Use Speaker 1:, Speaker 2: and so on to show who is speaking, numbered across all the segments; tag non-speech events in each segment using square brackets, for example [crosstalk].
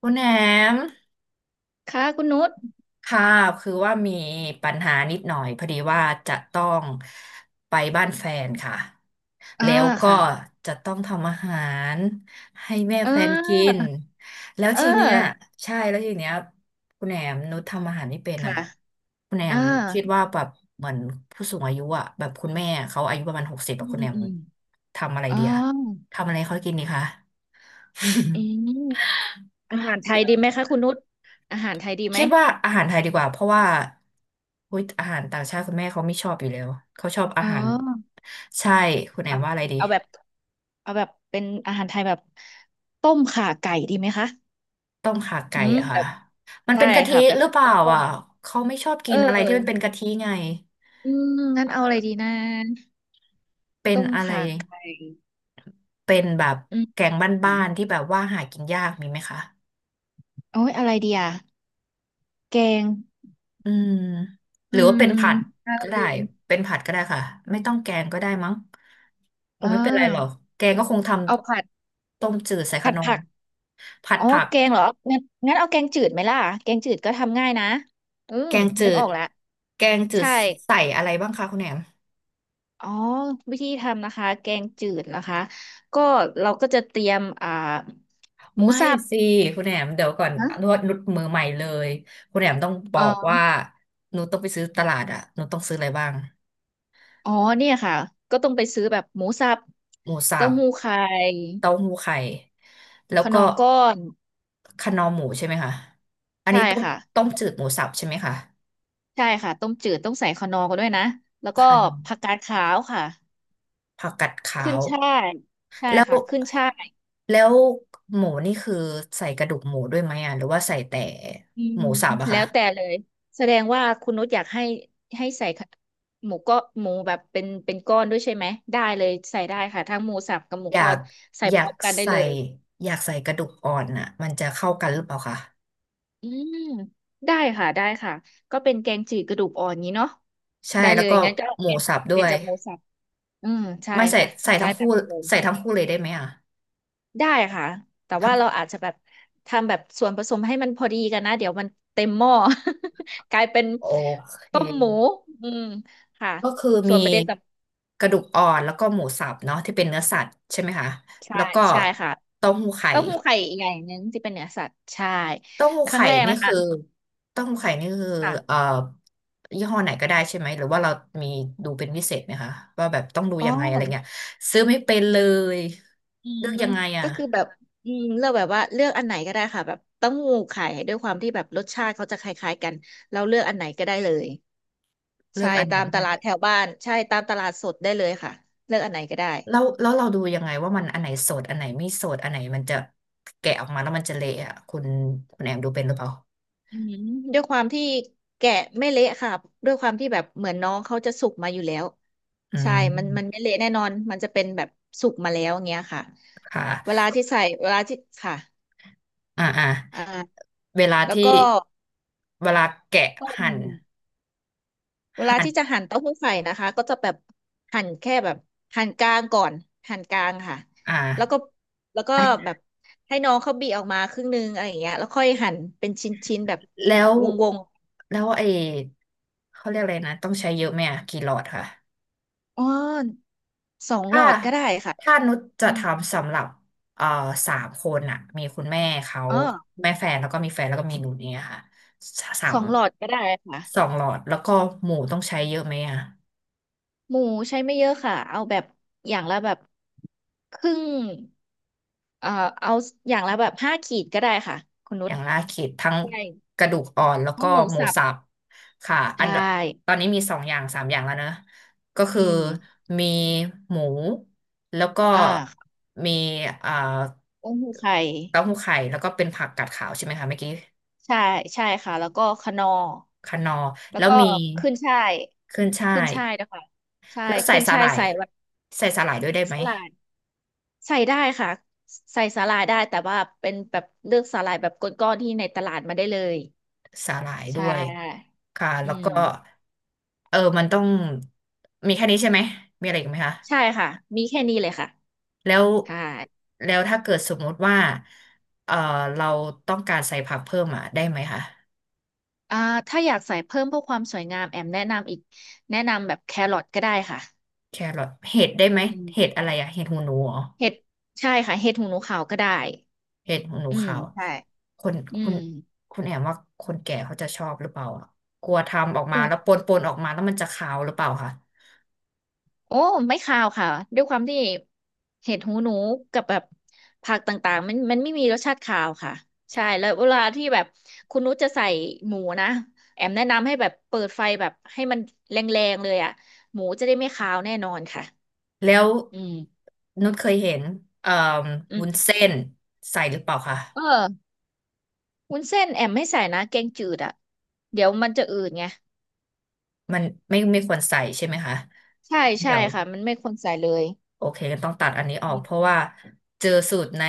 Speaker 1: คุณแหนม
Speaker 2: ค่ะคุณนุช
Speaker 1: ค่ะคือว่ามีปัญหานิดหน่อยพอดีว่าจะต้องไปบ้านแฟนค่ะ
Speaker 2: อ่า
Speaker 1: แล้วก็
Speaker 2: ค่ะ
Speaker 1: จะต้องทำอาหารให้แม่
Speaker 2: เอ
Speaker 1: แฟนกิ
Speaker 2: อ
Speaker 1: นแล้ว
Speaker 2: เอ
Speaker 1: ทีเนี้ย
Speaker 2: อ
Speaker 1: ใช่แล้วทีเนี้ยคุณแหนมนุชทำอาหารไม่เป็น
Speaker 2: ค่ะ
Speaker 1: อ่ะคุณแหน
Speaker 2: อ่า
Speaker 1: มคิดว่าแบบเหมือนผู้สูงอายุอ่ะแบบคุณแม่เขาอายุประมาณหกสิบแบ
Speaker 2: อื
Speaker 1: บคุณ
Speaker 2: ม
Speaker 1: แหนม
Speaker 2: อืม
Speaker 1: ทำอะไร
Speaker 2: อ๋อ
Speaker 1: ดีอะทำอะไรให้เขากินดีคะ
Speaker 2: อื
Speaker 1: [laughs]
Speaker 2: มอาหารไทยดีไหมคะคุณนุชอาหารไทยดีไหม
Speaker 1: คิดว่าอาหารไทยดีกว่าเพราะว่าอุ๊ยอาหารต่างชาติคุณแม่เขาไม่ชอบอยู่แล้วเขาชอบ
Speaker 2: เ
Speaker 1: อาหาร
Speaker 2: ออ
Speaker 1: ใช่คุณแอ
Speaker 2: เอา
Speaker 1: ม
Speaker 2: แบ
Speaker 1: ว่า
Speaker 2: บ
Speaker 1: อะไรดี
Speaker 2: เอาแบบเอาแบบเป็นอาหารไทยแบบต้มข่าไก่ดีไหมคะ
Speaker 1: ต้มข่าไก่
Speaker 2: อืม
Speaker 1: อะ
Speaker 2: แบ
Speaker 1: ค่ะ
Speaker 2: บ
Speaker 1: มัน
Speaker 2: ใช่
Speaker 1: เป็นกะทิ
Speaker 2: ค่ะแบบ
Speaker 1: หรือ
Speaker 2: ต้
Speaker 1: เปล่า
Speaker 2: มต้ม
Speaker 1: อ่ะเขาไม่ชอบกิ
Speaker 2: เออ
Speaker 1: นอะไรที่มันเป็นกะทิไง
Speaker 2: อืมงั้น
Speaker 1: เอ
Speaker 2: เอาอะไร
Speaker 1: อ
Speaker 2: ดีนะ
Speaker 1: เป็น
Speaker 2: ต้ม
Speaker 1: อะไร
Speaker 2: ข่าไก่
Speaker 1: เป็นแบบ
Speaker 2: อื
Speaker 1: แก
Speaker 2: ม
Speaker 1: งบ้านๆที่แบบว่าหากินยากมีไหมคะ
Speaker 2: โอ้ยอะไรดีอะแกง
Speaker 1: อืมห
Speaker 2: อื
Speaker 1: รือว่า
Speaker 2: ม
Speaker 1: เป็นผัด
Speaker 2: อะไร
Speaker 1: ก็ได้
Speaker 2: ดี
Speaker 1: เป็นผัดก็ได้ค่ะไม่ต้องแกงก็ได้มั้งค
Speaker 2: เอ
Speaker 1: งไม่เป็นไรหรอก
Speaker 2: อ
Speaker 1: แกงก็คงท
Speaker 2: เอาผัด
Speaker 1: ำต้มจืดใส่ขนมผัด
Speaker 2: อ๋อ
Speaker 1: ผัก
Speaker 2: แกงเหรองั้นงั้นเอาแกงจืดไหมล่ะ แกงจืดก็ทำง่ายนะอื
Speaker 1: แก
Speaker 2: ม
Speaker 1: งจื
Speaker 2: นึกอ
Speaker 1: ด
Speaker 2: อกแล้ว
Speaker 1: แกงจืด
Speaker 2: ใช่
Speaker 1: ใส่อะไรบ้างคะคุณแหนม
Speaker 2: อ๋อวิธีทำนะคะแกงจืดนะคะ ก็เราก็จะเตรียมหมู
Speaker 1: ไม่
Speaker 2: สับ
Speaker 1: สิคุณแหนมเดี๋ยวก่อน
Speaker 2: ฮะ
Speaker 1: นวดนุดมือใหม่เลยคุณแหนมต้องบ
Speaker 2: อ๋
Speaker 1: อก
Speaker 2: อ
Speaker 1: ว่าหนูต้องไปซื้อตลาดอ่ะหนูต้องซื้ออะไรบ้าง
Speaker 2: อ๋อเนี่ยค่ะ ก็ต้องไปซื้อแบบหมูสับ
Speaker 1: หมูสั
Speaker 2: เต้า
Speaker 1: บ
Speaker 2: หู้ไข่
Speaker 1: เต้าหู้ไข่แล้
Speaker 2: ข
Speaker 1: ว
Speaker 2: น
Speaker 1: ก็
Speaker 2: อร์ก้อน
Speaker 1: คะนอหมูใช่ไหมคะอัน
Speaker 2: ใช่
Speaker 1: นี้ต้ม
Speaker 2: ค่ะ
Speaker 1: จืดหมูสับใช่ไหมคะ
Speaker 2: ใช่ค่ะต้มจืดต้องใส่ขนอร์กันด้วยนะ แล้วก็
Speaker 1: คะนอ
Speaker 2: ผักกาดขาวค่ะ
Speaker 1: ผักกัดขา
Speaker 2: ขึ้น
Speaker 1: ว
Speaker 2: ฉ่ายใช่
Speaker 1: แล้ว
Speaker 2: ค่ะขึ้นฉ่าย
Speaker 1: แล้วหมูนี่คือใส่กระดูกหมูด้วยไหมอ่ะหรือว่าใส่แต่
Speaker 2: อื
Speaker 1: ห
Speaker 2: ม
Speaker 1: มูสับอะ
Speaker 2: แล้
Speaker 1: คะ
Speaker 2: วแต่เลยแสดงว่าคุณนุชอยากให้ให้ใส่ขะหมูก็หมูแบบเป็นก้อนด้วยใช่ไหมได้เลยใส่ได้ค่ะทั้งหมูสับกับหมู
Speaker 1: อยา
Speaker 2: ก้อ
Speaker 1: ก
Speaker 2: นใส่
Speaker 1: อ
Speaker 2: พ
Speaker 1: ยา
Speaker 2: ร้
Speaker 1: ก
Speaker 2: อมกันได้
Speaker 1: ใส่
Speaker 2: เลย
Speaker 1: อยากใส่กระดูกอ่อนน่ะมันจะเข้ากันหรือเปล่าคะ
Speaker 2: อืมได้ค่ะได้ค่ะก็เป็นแกงจืดกระดูกอ่อนนี้เนาะ
Speaker 1: ใช่
Speaker 2: ได้เล
Speaker 1: แล้ว
Speaker 2: ย
Speaker 1: ก็
Speaker 2: งั้นก็
Speaker 1: ห
Speaker 2: เป
Speaker 1: มู
Speaker 2: ลี่ยน
Speaker 1: สับ
Speaker 2: เป
Speaker 1: ด้
Speaker 2: ลี่
Speaker 1: ว
Speaker 2: ยน
Speaker 1: ย
Speaker 2: จากหมูสับอืมใช่
Speaker 1: ไม่ใส่
Speaker 2: ค่ะ
Speaker 1: ใส่
Speaker 2: ได้
Speaker 1: ทั้ง
Speaker 2: แบ
Speaker 1: คู่
Speaker 2: บนั้นเลย
Speaker 1: ใส่ทั้งคู่เลยได้ไหมอ่ะ
Speaker 2: ได้ค่ะแต่
Speaker 1: ทั้
Speaker 2: ว่า
Speaker 1: ง
Speaker 2: เราอาจจะแบบทำแบบส่วนผสมให้มันพอดีกันนะเดี๋ยวมันเต็มหม้อ [laughs] กลายเป็น
Speaker 1: โอเค
Speaker 2: ต้มหมูอืมค่ะ
Speaker 1: ก็คือ
Speaker 2: ส่
Speaker 1: มี
Speaker 2: วนประเด็นส
Speaker 1: กระดูกอ่อนแล้วก็หมูสับเนาะที่เป็นเนื้อสัตว์ใช่ไหมคะ
Speaker 2: ำใช่
Speaker 1: แล้วก็
Speaker 2: ใช่ค่ะ
Speaker 1: เต้าหู้ไข่
Speaker 2: เต้าหู้ไข่อีกอย่างหนึ่งที่เป็นเนื้อสัตว์ใช่
Speaker 1: เต้าหู้
Speaker 2: ครั้ง
Speaker 1: ไข่
Speaker 2: แรก
Speaker 1: นี่
Speaker 2: นะคะ
Speaker 1: คือเต้าหู้ไข่นี่คือเอ่อ
Speaker 2: ค่ะ
Speaker 1: ยี่ห้อไหนก็ได้ใช่ไหมหรือว่าเรามีดูเป็นพิเศษไหมคะว่าแบบต้องดู
Speaker 2: อ๋อ
Speaker 1: ยังไงอะไรเงี้ยซื้อไม่เป็นเลย
Speaker 2: อื
Speaker 1: เลือก
Speaker 2: ม
Speaker 1: ยังไงอะ
Speaker 2: ก็คือแบบอืมเลือกแบบว่าเลือกอันไหนก็ได้ค่ะแบบเต้าหู้ไข่ด้วยความที่แบบรสชาติเขาจะคล้ายๆกันเราเลือกอันไหนก็ได้เลย
Speaker 1: เลือ
Speaker 2: ใช่
Speaker 1: กอันไหน
Speaker 2: ตาม
Speaker 1: ไม่
Speaker 2: ต
Speaker 1: ได้
Speaker 2: ลา
Speaker 1: เล
Speaker 2: ด
Speaker 1: ย
Speaker 2: แถวบ้านใช่ตามตลาดสดได้เลยค่ะเลือกอันไหนก็ได้
Speaker 1: แล้วเราดูยังไงว่ามันอันไหนสดอันไหนไม่สดอันไหนมันจะแกะออกมาแล้วมันจะเละอะคุณแอมดูเป็นหรือเปล่า
Speaker 2: อืมด้วยความที่แกะไม่เละค่ะด้วยความที่แบบเหมือนน้องเขาจะสุกมาอยู่แล้ว
Speaker 1: อื
Speaker 2: ใช่ มัน
Speaker 1: ม
Speaker 2: ไม่เละแน่นอนมันจะเป็นแบบสุกมาแล้วอย่างเงี้ยค่ะ
Speaker 1: ค่ะ
Speaker 2: เวลาที่ใส่เวลาที่ค่ะ
Speaker 1: อ่าอ่า
Speaker 2: อ่า
Speaker 1: เวลา
Speaker 2: แล้ว
Speaker 1: ที่
Speaker 2: ก็
Speaker 1: เวลาแกะ
Speaker 2: ต้ม
Speaker 1: หั่น
Speaker 2: เวลา
Speaker 1: หั่น
Speaker 2: ที่จะหั่นเต้าหู้ไข่นะคะก็จะแบบหั่นแค่แบบหั่นกลางก่อนหั่นกลางค่ะ
Speaker 1: อ่า
Speaker 2: แล้วก็แล้วก็แบบให้น้องเขาบีออกมาครึ่งนึงอะไรอย่างเงี้ยแล้วค่อยหั่นเป็นชิ้นๆแบบ
Speaker 1: แล้ว
Speaker 2: วง
Speaker 1: แล้วไอ้เขาเรียกอะไรนะต้องใช้เยอะไหมอ่ะกี่หลอดค่ะ
Speaker 2: ๆอ้อนสองหล
Speaker 1: ถ้า
Speaker 2: อดก็ได้ค่ะ
Speaker 1: ถ้านุช
Speaker 2: อื
Speaker 1: จะ
Speaker 2: ม
Speaker 1: ทำสำหรับเอ่อสามคนอะมีคุณแม่เขา
Speaker 2: อ๋อ
Speaker 1: แม่แฟนแล้วก็มีแฟนแล้วก็มีหนูเนี่ยค่ะสา
Speaker 2: ส
Speaker 1: ม
Speaker 2: องหลอดก็ได้ค่ะ
Speaker 1: สองหลอดแล้วก็หมูต้องใช้เยอะไหมอะ
Speaker 2: หมูใช้ไม่เยอะค่ะเอาแบบอย่างละแบบครึ่งเอ่อเอาอย่างละแบบ5 ขีดก็ได้ค่ะคุณนุ
Speaker 1: อ
Speaker 2: ช
Speaker 1: ย่างล่าเขตทั้ง
Speaker 2: ใช่
Speaker 1: กระดูกอ่อนแล้วก็
Speaker 2: เอาะหมู
Speaker 1: หมู
Speaker 2: สับ
Speaker 1: สับค่ะอัน
Speaker 2: ใช่
Speaker 1: ตอนนี้มีสองอย่างสามอย่างแล้วนะก็
Speaker 2: อื
Speaker 1: คือ
Speaker 2: ม
Speaker 1: มีหมูแล้วก็
Speaker 2: อ่า
Speaker 1: มีเอ่อ
Speaker 2: ต้มหูไข่
Speaker 1: เต้าหู้ไข่แล้วก็เป็นผักกาดขาวใช่ไหมคะเมื่อกี้
Speaker 2: ใช่ใช่ค่ะแล้วก็คะนอร์
Speaker 1: คะนอร์
Speaker 2: แล้ว
Speaker 1: แล้ว
Speaker 2: ก็
Speaker 1: มี
Speaker 2: ขึ้นช่าย
Speaker 1: ขึ้นช่า
Speaker 2: ขึ้น
Speaker 1: ย
Speaker 2: ช่ายนะคะใช่
Speaker 1: แล้วใส่
Speaker 2: ขึ้น
Speaker 1: สา
Speaker 2: ช่า
Speaker 1: ห
Speaker 2: ย
Speaker 1: ร่าย
Speaker 2: ใส่แบบ
Speaker 1: ใส่สาหร่ายด้วยได้
Speaker 2: ส
Speaker 1: ไหม
Speaker 2: ลัด ใส่ได้ค่ะใส่สาหร่ายได้แต่ว่าเป็นแบบเลือกสาหร่ายแบบก้อนๆที่ในตลาดมาได้เลย
Speaker 1: สาหร่าย
Speaker 2: ใช
Speaker 1: ด้วย
Speaker 2: ่
Speaker 1: ค่ะ
Speaker 2: อื
Speaker 1: แล้วก็
Speaker 2: ม
Speaker 1: เออมันต้องมีแค่นี้ใช่ไหมมีอะไรอีกไหมคะ
Speaker 2: ใช่ค่ะมีแค่นี้เลยค่ะ
Speaker 1: แล้ว
Speaker 2: ใช่
Speaker 1: แล้วถ้าเกิดสมมติว่าเอ่อเราต้องการใส่ผักเพิ่มอ่ะได้ไหมคะ
Speaker 2: อ่าถ้าอยากใส่เพิ่มเพื่อความสวยงามแอมแนะนำอีกแนะนำแบบแครอทก็ได้ค่ะ
Speaker 1: แครอทเห็ดได้ไหม
Speaker 2: อืม
Speaker 1: เห็ดอะไรอะเห็ดหูหนูเหรอ
Speaker 2: เห็ดใช่ค่ะเห็ดหูหนูขาวก็ได้
Speaker 1: เห็ดหูหนู
Speaker 2: อืม
Speaker 1: ขาวอะ
Speaker 2: ใช่
Speaker 1: คน
Speaker 2: อื
Speaker 1: คุณ
Speaker 2: ม
Speaker 1: คุณแอมว่าคนแก่เขาจะชอบหรือเปล่าอะกลัวทำออกมา
Speaker 2: โอ้
Speaker 1: แล้วปนออกมาแล้วมันจะขาวหรือเปล่าคะ
Speaker 2: โอ้ไม่คาวค่ะด้วยความที่เห็ดหูหนูกับแบบผักต่างๆมันไม่มีรสชาติคาวค่ะใช่แล้วเวลาที่แบบคุณนุชจะใส่หมูนะแอมแนะนำให้แบบเปิดไฟแบบให้มันแรงๆเลยอ่ะหมูจะได้ไม่คาวแน่นอนค่ะ
Speaker 1: แล้ว
Speaker 2: อืม
Speaker 1: นุชเคยเห็นเอ่อ
Speaker 2: อืม
Speaker 1: วุ้นเส้นใส่หรือเปล่าคะ
Speaker 2: เออวุ้นเส้นแอมไม่ใส่นะแกงจืดอ่ะเดี๋ยวมันจะอืดไง
Speaker 1: มันไม่ควรใส่ใช่ไหมคะ
Speaker 2: ใช่ใช่
Speaker 1: เดี๋ยว
Speaker 2: ค่ะมันไม่ควรใส่เลย
Speaker 1: โอเคต้องตัดอันนี้ออ
Speaker 2: อื
Speaker 1: กเพ
Speaker 2: ม
Speaker 1: ราะว่าเจอสูตร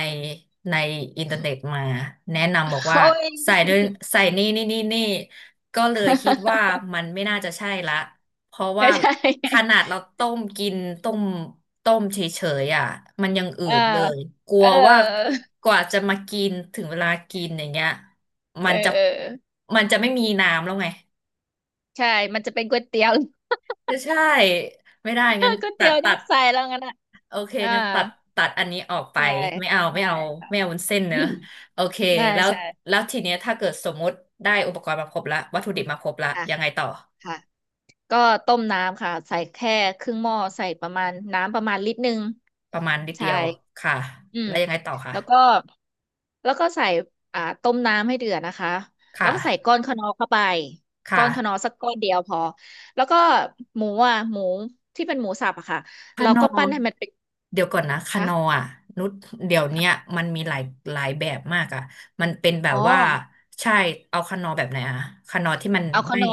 Speaker 1: ในอินเทอร์เน็ตมาแนะนำบอกว่า
Speaker 2: โอ้ย
Speaker 1: ใส่ด้วยใส่นี่ก็เลยคิดว่า
Speaker 2: [laughs]
Speaker 1: มันไม่น่าจะใช่ละเพราะ
Speaker 2: ไม่
Speaker 1: ว่า
Speaker 2: ใช่
Speaker 1: ขนาดเราต้มกินต้มต้มเฉยๆอ่ะมันยังอื
Speaker 2: [laughs] เออ
Speaker 1: ดเลยกลั
Speaker 2: เอ
Speaker 1: วว่า
Speaker 2: อ
Speaker 1: กว่าจะมากินถึงเวลากินอย่างเงี้ยมั
Speaker 2: เออ
Speaker 1: น
Speaker 2: เออ
Speaker 1: จะไม่มีน้ำแล้วไง
Speaker 2: ใช่ มันจะเป็นก๋วยเตี๋ยว
Speaker 1: ใช่ไม่ได้งั้น
Speaker 2: [laughs] ก๋วยเตี๋ยว
Speaker 1: ตัด
Speaker 2: น้ำใสแล้วงั้นอ่ะ
Speaker 1: โอเค
Speaker 2: อ่า
Speaker 1: งั้นตัดอันนี้ออกไป
Speaker 2: ใช่
Speaker 1: ไม่เอา
Speaker 2: ใช่ค่ะ
Speaker 1: ไม่เอาวุ้นเส้น
Speaker 2: [laughs] อื
Speaker 1: เนอะ
Speaker 2: ม
Speaker 1: โอเค
Speaker 2: ใช่
Speaker 1: แล้ว
Speaker 2: ใช่
Speaker 1: แล้วทีเนี้ยถ้าเกิดสมมุติได้อุปกรณ์มาครบละวัตถุดิบมาครบละ
Speaker 2: ค่ะ
Speaker 1: ยังไงต่อ
Speaker 2: ค่ะก็ต้มน้ำค่ะใส่แค่ครึ่งหม้อใส่ประมาณน้ำประมาณ1 ลิตร
Speaker 1: ประมาณนิด
Speaker 2: ใช่
Speaker 1: เดียวค่ะ
Speaker 2: อืม
Speaker 1: แล้วยังไงต่อค่ะ
Speaker 2: แล้วก็แล้วก็ใส่อ่าต้มน้ำให้เดือดนะคะ แล้
Speaker 1: ค่ะ
Speaker 2: วก็ใส่ก้อนคะนอเข้าไป
Speaker 1: ค
Speaker 2: ก้อนคะนอ
Speaker 1: ่ะ
Speaker 2: สักก้อนเดียวพอ แล้วก็หมูอ่ะ หมูที่เป็นหมูสับอะค่ะ
Speaker 1: คา
Speaker 2: เรา
Speaker 1: นอ
Speaker 2: ก็ปั้นให้มันเป็น
Speaker 1: เดี๋ยวก่อนนะคานอ
Speaker 2: ค่ะ
Speaker 1: อ่ะนุชเดี๋ยวเนี้ยมันมีหลายแบบมากอ่ะมันเป็นแบ
Speaker 2: อ๋
Speaker 1: บ
Speaker 2: อ
Speaker 1: ว่าใช่เอาคานอแบบไหนอ่ะคานอที่มัน
Speaker 2: เอาข
Speaker 1: ไม่
Speaker 2: นอ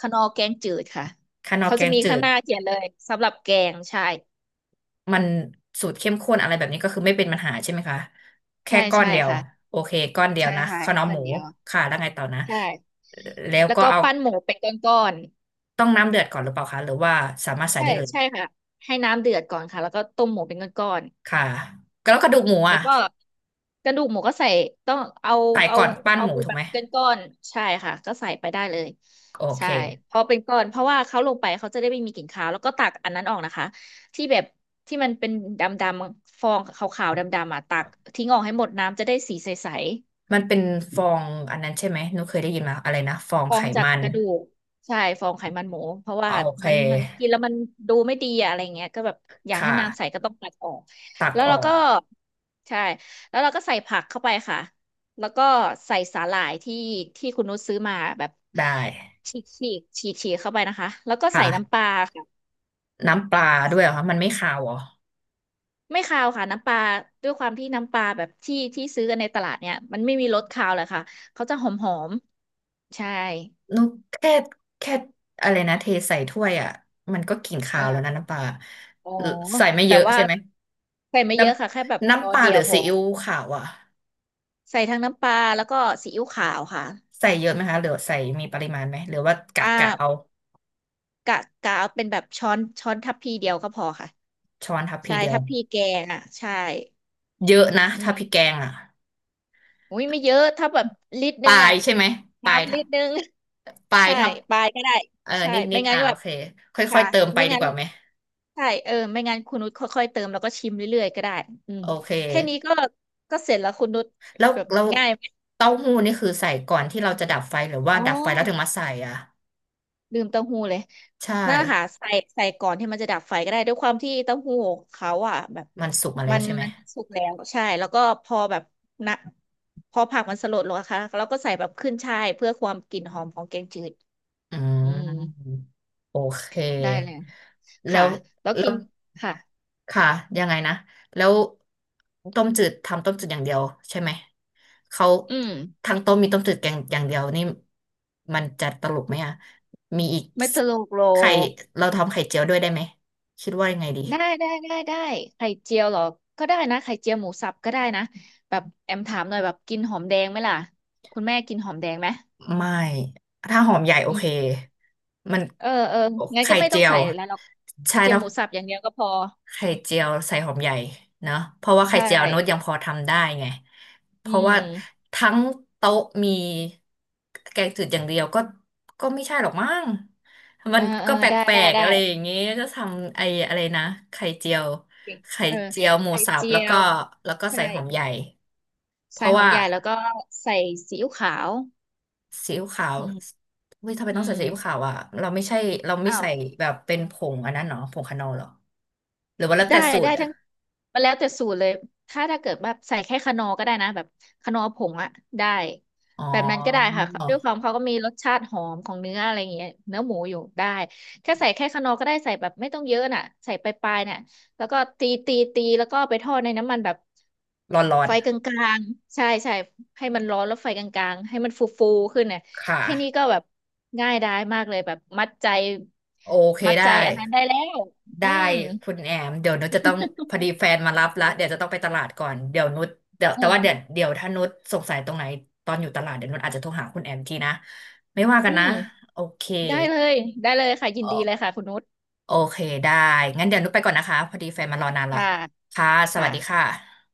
Speaker 2: ขนอแกงจืดค่ะ
Speaker 1: คานอ
Speaker 2: เขา
Speaker 1: แก
Speaker 2: จะ
Speaker 1: ง
Speaker 2: มี
Speaker 1: จื
Speaker 2: ข้าง
Speaker 1: ด
Speaker 2: หน้าเขียนเลยสำหรับแกงใช่
Speaker 1: มันสูตรเข้มข้นอะไรแบบนี้ก็คือไม่เป็นปัญหาใช่ไหมคะแค่
Speaker 2: ใช่
Speaker 1: ก้อน
Speaker 2: ใช่
Speaker 1: เดียว
Speaker 2: ค่ะ
Speaker 1: โอเคก้อนเดียว
Speaker 2: ใช่
Speaker 1: นะ
Speaker 2: ค่ะ
Speaker 1: ข้าวเห
Speaker 2: ให้
Speaker 1: นียว
Speaker 2: ค
Speaker 1: ห
Speaker 2: น
Speaker 1: มู
Speaker 2: เดียว
Speaker 1: ค่ะแล้วไงต่อนะ
Speaker 2: ใช่
Speaker 1: แล้ว
Speaker 2: แล้ว
Speaker 1: ก็
Speaker 2: ก็
Speaker 1: เอา
Speaker 2: ปั้นหมูเป็นก้อน
Speaker 1: ต้องน้ำเดือดก่อนหรือเปล่าคะหรือว่าสามารถ
Speaker 2: ๆ
Speaker 1: ใส่
Speaker 2: ใช่
Speaker 1: ได้เลย
Speaker 2: ใช่ค่ะให้น้ำเดือดก่อนค่ะแล้วก็ต้มหมูเป็นก้อน
Speaker 1: ค่ะแล้วกระดูกหมู
Speaker 2: แล้
Speaker 1: อ่ะ
Speaker 2: วก็กระดูกหมูก็ใส่ต้องเอา
Speaker 1: ใส่
Speaker 2: เอา
Speaker 1: ก่อนปั้น
Speaker 2: เอา
Speaker 1: หมู
Speaker 2: ไป
Speaker 1: ถูก
Speaker 2: แบ
Speaker 1: ไห
Speaker 2: บ
Speaker 1: ม
Speaker 2: เป็นก้อนใช่ค่ะก็ใส่ไปได้เลย
Speaker 1: โอเค
Speaker 2: ใช่พอเป็นก้อนเพราะว่าเขาลงไปเขาจะได้ไม่มีกลิ่นคาวแล้วก็ตักอันนั้นออกนะคะที่แบบที่มันเป็นดำๆฟองขาวๆดำๆอ่ะตักทิ้งออกให้หมดน้ำจะได้สีใส
Speaker 1: มันเป็นฟองอันนั้นใช่ไหมหนูเคยได้ยินมาอะไรนะฟอง
Speaker 2: ฟอ
Speaker 1: ไข
Speaker 2: งจาก
Speaker 1: มัน
Speaker 2: กระดูกใช่ฟองไขมันหมูเพราะ
Speaker 1: โอ
Speaker 2: ว่า
Speaker 1: เค
Speaker 2: มันกินแล้วมันดูไม่ดีอะอะไรเงี้ยก็แบบอยากให้
Speaker 1: ค่ะ
Speaker 2: น้ำใสก็ต้องตัดออก
Speaker 1: ตัก
Speaker 2: แล้ว
Speaker 1: อ
Speaker 2: เรา
Speaker 1: อ
Speaker 2: ก็
Speaker 1: ก
Speaker 2: ใช่แล้วเราก็ใส่ผักเข้าไปค่ะแล้วก็ใส่สาหร่ายที่คุณนุชซื้อมาแบบ
Speaker 1: ได้
Speaker 2: ฉีกเข้าไปนะคะแล้วก็ใส่น้ำป
Speaker 1: ค่ะ
Speaker 2: ลาค่ะ
Speaker 1: น้ำปลาด้วยเหรอคะมันไม่คาวเหรอ
Speaker 2: ไม่คาวค่ะน้ำปลาด้วยความที่น้ำปลาแบบที่ซื้อกันในตลาดเนี่ยมันไม่มีรสคาวเลยค่ะเขาจะหอมใช่
Speaker 1: นุกแค่แค่อะไรนะเทใส่ถ้วยอ่ะมันก็กลิ่น
Speaker 2: เอ
Speaker 1: คาวแล้วนะ
Speaker 2: อ
Speaker 1: น้ำปลา
Speaker 2: อ๋อ
Speaker 1: เออใส่ไม่เย
Speaker 2: แต่
Speaker 1: อะ
Speaker 2: ว่า
Speaker 1: ใช่ไหม
Speaker 2: ใส่ไม่
Speaker 1: น้
Speaker 2: เยอะค่ะแค่แบบ
Speaker 1: ำ
Speaker 2: ช้อ
Speaker 1: น้ำป
Speaker 2: น
Speaker 1: ลา
Speaker 2: เดี
Speaker 1: ห
Speaker 2: ย
Speaker 1: รื
Speaker 2: ว
Speaker 1: อ
Speaker 2: พ
Speaker 1: ซี
Speaker 2: อ
Speaker 1: อิ๊วขาวอ่ะ
Speaker 2: ใส่ทั้งน้ำปลาแล้วก็ซีอิ๊วขาวค่ะ
Speaker 1: ใส่เยอะไหมคะหรือใส่มีปริมาณไหมหรือว่ากะ
Speaker 2: อ่
Speaker 1: กะเอา
Speaker 2: ากะกะเอาเป็นแบบช้อนทัพพีเดียวก็พอค่ะ
Speaker 1: ช้อนทัพพี
Speaker 2: ใช่
Speaker 1: เดีย
Speaker 2: ทั
Speaker 1: ว
Speaker 2: พพีแกงอ่ะใช่
Speaker 1: เยอะนะ
Speaker 2: อื
Speaker 1: ถ้าพริกแก
Speaker 2: ม
Speaker 1: งอ่ะ
Speaker 2: อุ้ยไม่เยอะถ้าแบบลิตร
Speaker 1: ป
Speaker 2: นึ
Speaker 1: ลา
Speaker 2: ง
Speaker 1: ย
Speaker 2: อ่ะ
Speaker 1: ใช่ไหมปลาย
Speaker 2: น้ำ
Speaker 1: ทั
Speaker 2: ลิ
Speaker 1: บ
Speaker 2: ตรนึง
Speaker 1: ปลา
Speaker 2: [laughs]
Speaker 1: ย
Speaker 2: ใช่
Speaker 1: ทับ
Speaker 2: ปลายก็ได้
Speaker 1: เออ
Speaker 2: ใช่
Speaker 1: นิดนิ
Speaker 2: ไม่
Speaker 1: ด
Speaker 2: งั้น
Speaker 1: อ่ะ
Speaker 2: ก็
Speaker 1: โอ
Speaker 2: แบบ
Speaker 1: เคค่อ
Speaker 2: ค่ะ
Speaker 1: ยๆเติมไป
Speaker 2: ไม่
Speaker 1: ดี
Speaker 2: งั้
Speaker 1: ก
Speaker 2: น
Speaker 1: ว่าไหม
Speaker 2: ใช่เออไม่งั้นคุณนุชค่อยๆเติมแล้วก็ชิมเรื่อยๆก็ได้อืม
Speaker 1: โอเค
Speaker 2: แค่นี้ก็เสร็จแล้วคุณนุช
Speaker 1: แล้ว
Speaker 2: แบบ
Speaker 1: เราว
Speaker 2: ง่ายไหม
Speaker 1: เต้าหู้นี่คือใส่ก่อนที่เราจะดับไฟหรือว่า
Speaker 2: อ๋อ
Speaker 1: ดับไฟแล้วถึงมาใส่อ่ะ
Speaker 2: ลืมเต้าหู้เลย
Speaker 1: ใช่
Speaker 2: นั่นแหละค่ะใส่ก่อนที่มันจะดับไฟก็ได้ด้วยความที่เต้าหู้เขาอ่ะแบบ
Speaker 1: มันสุกมาแล้
Speaker 2: มั
Speaker 1: ว
Speaker 2: น
Speaker 1: ใช่ไหม
Speaker 2: มันสุกแล้วใช่แล้วก็พอแบบนะพอผักมันสลดลงนะคะแล้วก็ใส่แบบขึ้นฉ่ายเพื่อความกลิ่นหอมของแกงจืด
Speaker 1: อ่
Speaker 2: อืม
Speaker 1: าโอเค
Speaker 2: ได้เลย
Speaker 1: แล้
Speaker 2: ค่ะ
Speaker 1: ว
Speaker 2: แล้ว
Speaker 1: แล้
Speaker 2: กิ
Speaker 1: ว
Speaker 2: นค่ะ
Speaker 1: ค่ะยังไงนะแล้วต้มจืดทำต้มจืดอย่างเดียวใช่ไหมเขา
Speaker 2: อืม
Speaker 1: ทั้งต้มมีต้มจืดแกงอย่างเดียวนี่มันจะตลกไหมอ่ะมีอีก
Speaker 2: ไม่ตลกโล
Speaker 1: ไข่
Speaker 2: ก
Speaker 1: เราทำไข่เจียวด้วยได้ไหมคิดว่ายังไงดี
Speaker 2: ได้ได้ได้ได้ไข่เจียวเหรอก็ได้นะไข่เจียวหมูสับก็ได้นะแบบแอมถามหน่อยแบบกินหอมแดงไหมล่ะคุณแม่กินหอมแดงไหม
Speaker 1: ไม่ถ้าหอมใหญ่โอเคมัน
Speaker 2: เออเอองั้น
Speaker 1: ไข่
Speaker 2: ก็ไม่ต้
Speaker 1: เจี
Speaker 2: อง
Speaker 1: ยว
Speaker 2: ใส่แล้วหรอกก
Speaker 1: ใช่
Speaker 2: ระเทียม
Speaker 1: ถ้า
Speaker 2: หมูสับอย่างเดียวก็พอ
Speaker 1: ไข่เจียวใส่หอมใหญ่เนอะเพราะว่า
Speaker 2: ใช
Speaker 1: ไข่เจียวนุชยัง
Speaker 2: ่
Speaker 1: พอทำได้ไงเพ
Speaker 2: อื
Speaker 1: ราะว่า
Speaker 2: ม
Speaker 1: ทั้งโต๊ะมีแกงจืดอย่างเดียวก็ก็ไม่ใช่หรอกมั้งมั
Speaker 2: เอ
Speaker 1: น
Speaker 2: อเออ
Speaker 1: ก็แป
Speaker 2: ได้
Speaker 1: ล
Speaker 2: ได้
Speaker 1: กๆ
Speaker 2: ได้
Speaker 1: อะไรอย่างงี้ก็ทำไอ้อะไรนะไข่เจียว
Speaker 2: เก่ง
Speaker 1: ไข่
Speaker 2: เออ
Speaker 1: เจียวหมู
Speaker 2: ไข่
Speaker 1: สับ
Speaker 2: เจี
Speaker 1: แล้
Speaker 2: ย
Speaker 1: วก็
Speaker 2: ว
Speaker 1: แล้วก็
Speaker 2: ใช่
Speaker 1: ใส่หอมใหญ่เพ
Speaker 2: ใส่
Speaker 1: ราะ
Speaker 2: หอม
Speaker 1: ว่า
Speaker 2: ใหญ่แล้วก็ใส่ซีอิ๊วขาว
Speaker 1: ซีอิ๊วขาว
Speaker 2: อืม
Speaker 1: เฮ้ยทำไม
Speaker 2: อื
Speaker 1: ต้องใส่
Speaker 2: ม
Speaker 1: ซีอิ๊วขาวอ่ะเราไม่ใช่เราไม่
Speaker 2: อ้าว
Speaker 1: ใส่แบบเป็นผงอันนั้นเนาะผงคานอลเหรอหรือว่าแล้ว
Speaker 2: ได้
Speaker 1: แต่สู
Speaker 2: ได้
Speaker 1: ตรอ่ะ
Speaker 2: ทั้งมันแล้วแต่สูตรเลยถ้าเกิดแบบใส่แค่คะนอร์ก็ได้นะแบบคะนอร์ผงอะได้
Speaker 1: อ๋อ
Speaker 2: แบบนั้นก็ได้ค่ะด้วยความเขาก็มีรสชาติหอมของเนื้ออะไรอย่างเงี้ยเนื้อหมูอยู่ได้แค่ใส่แค่คะนอร์ก็ได้ใส่แบบไม่ต้องเยอะน่ะใส่ปลายๆเนี่ยแล้วก็ตีแล้วก็ไปทอดในน้ำมันแบบ
Speaker 1: ร้อน
Speaker 2: ไฟกลางๆใช่ใช่ให้มันร้อนแล้วไฟกลางๆให้มันฟูๆขึ้นเนี่ย
Speaker 1: ๆ ค่ะ
Speaker 2: แค่นี้ก็แบบง่ายดายมากเลยแบบมัดใจ
Speaker 1: โอเค
Speaker 2: มัด
Speaker 1: ได้
Speaker 2: ใจอันนั้นได้แล้วอื
Speaker 1: ได้
Speaker 2: ม
Speaker 1: คุณแอมเดี๋ยวนุชจะต้องพอดีแฟนมารับละเดี๋ยวจะต้องไปตลาดก่อน เดี๋ยวนุชเดี๋ยวแต่ว่าเดี๋ยว
Speaker 2: เออ
Speaker 1: เดี๋ยวถ้านุชสงสัยตรงไหนตอนอยู่ตลาดเดี๋ยวนุชอาจจะโทรหาคุณแอมทีนะไม่ว่ากั
Speaker 2: อื
Speaker 1: นนะ
Speaker 2: ม
Speaker 1: โอเค
Speaker 2: ได้เลยได้เลยค่ะยินดีเล
Speaker 1: โอ
Speaker 2: ยค่ะคุณนุช
Speaker 1: โอเคได้งั้นเดี๋ยวนุชไปก่อนนะคะพอดีแฟนมารอนานละ
Speaker 2: ค่ะ
Speaker 1: ค่ะสวัสดีค่
Speaker 2: ค่ะ
Speaker 1: ะ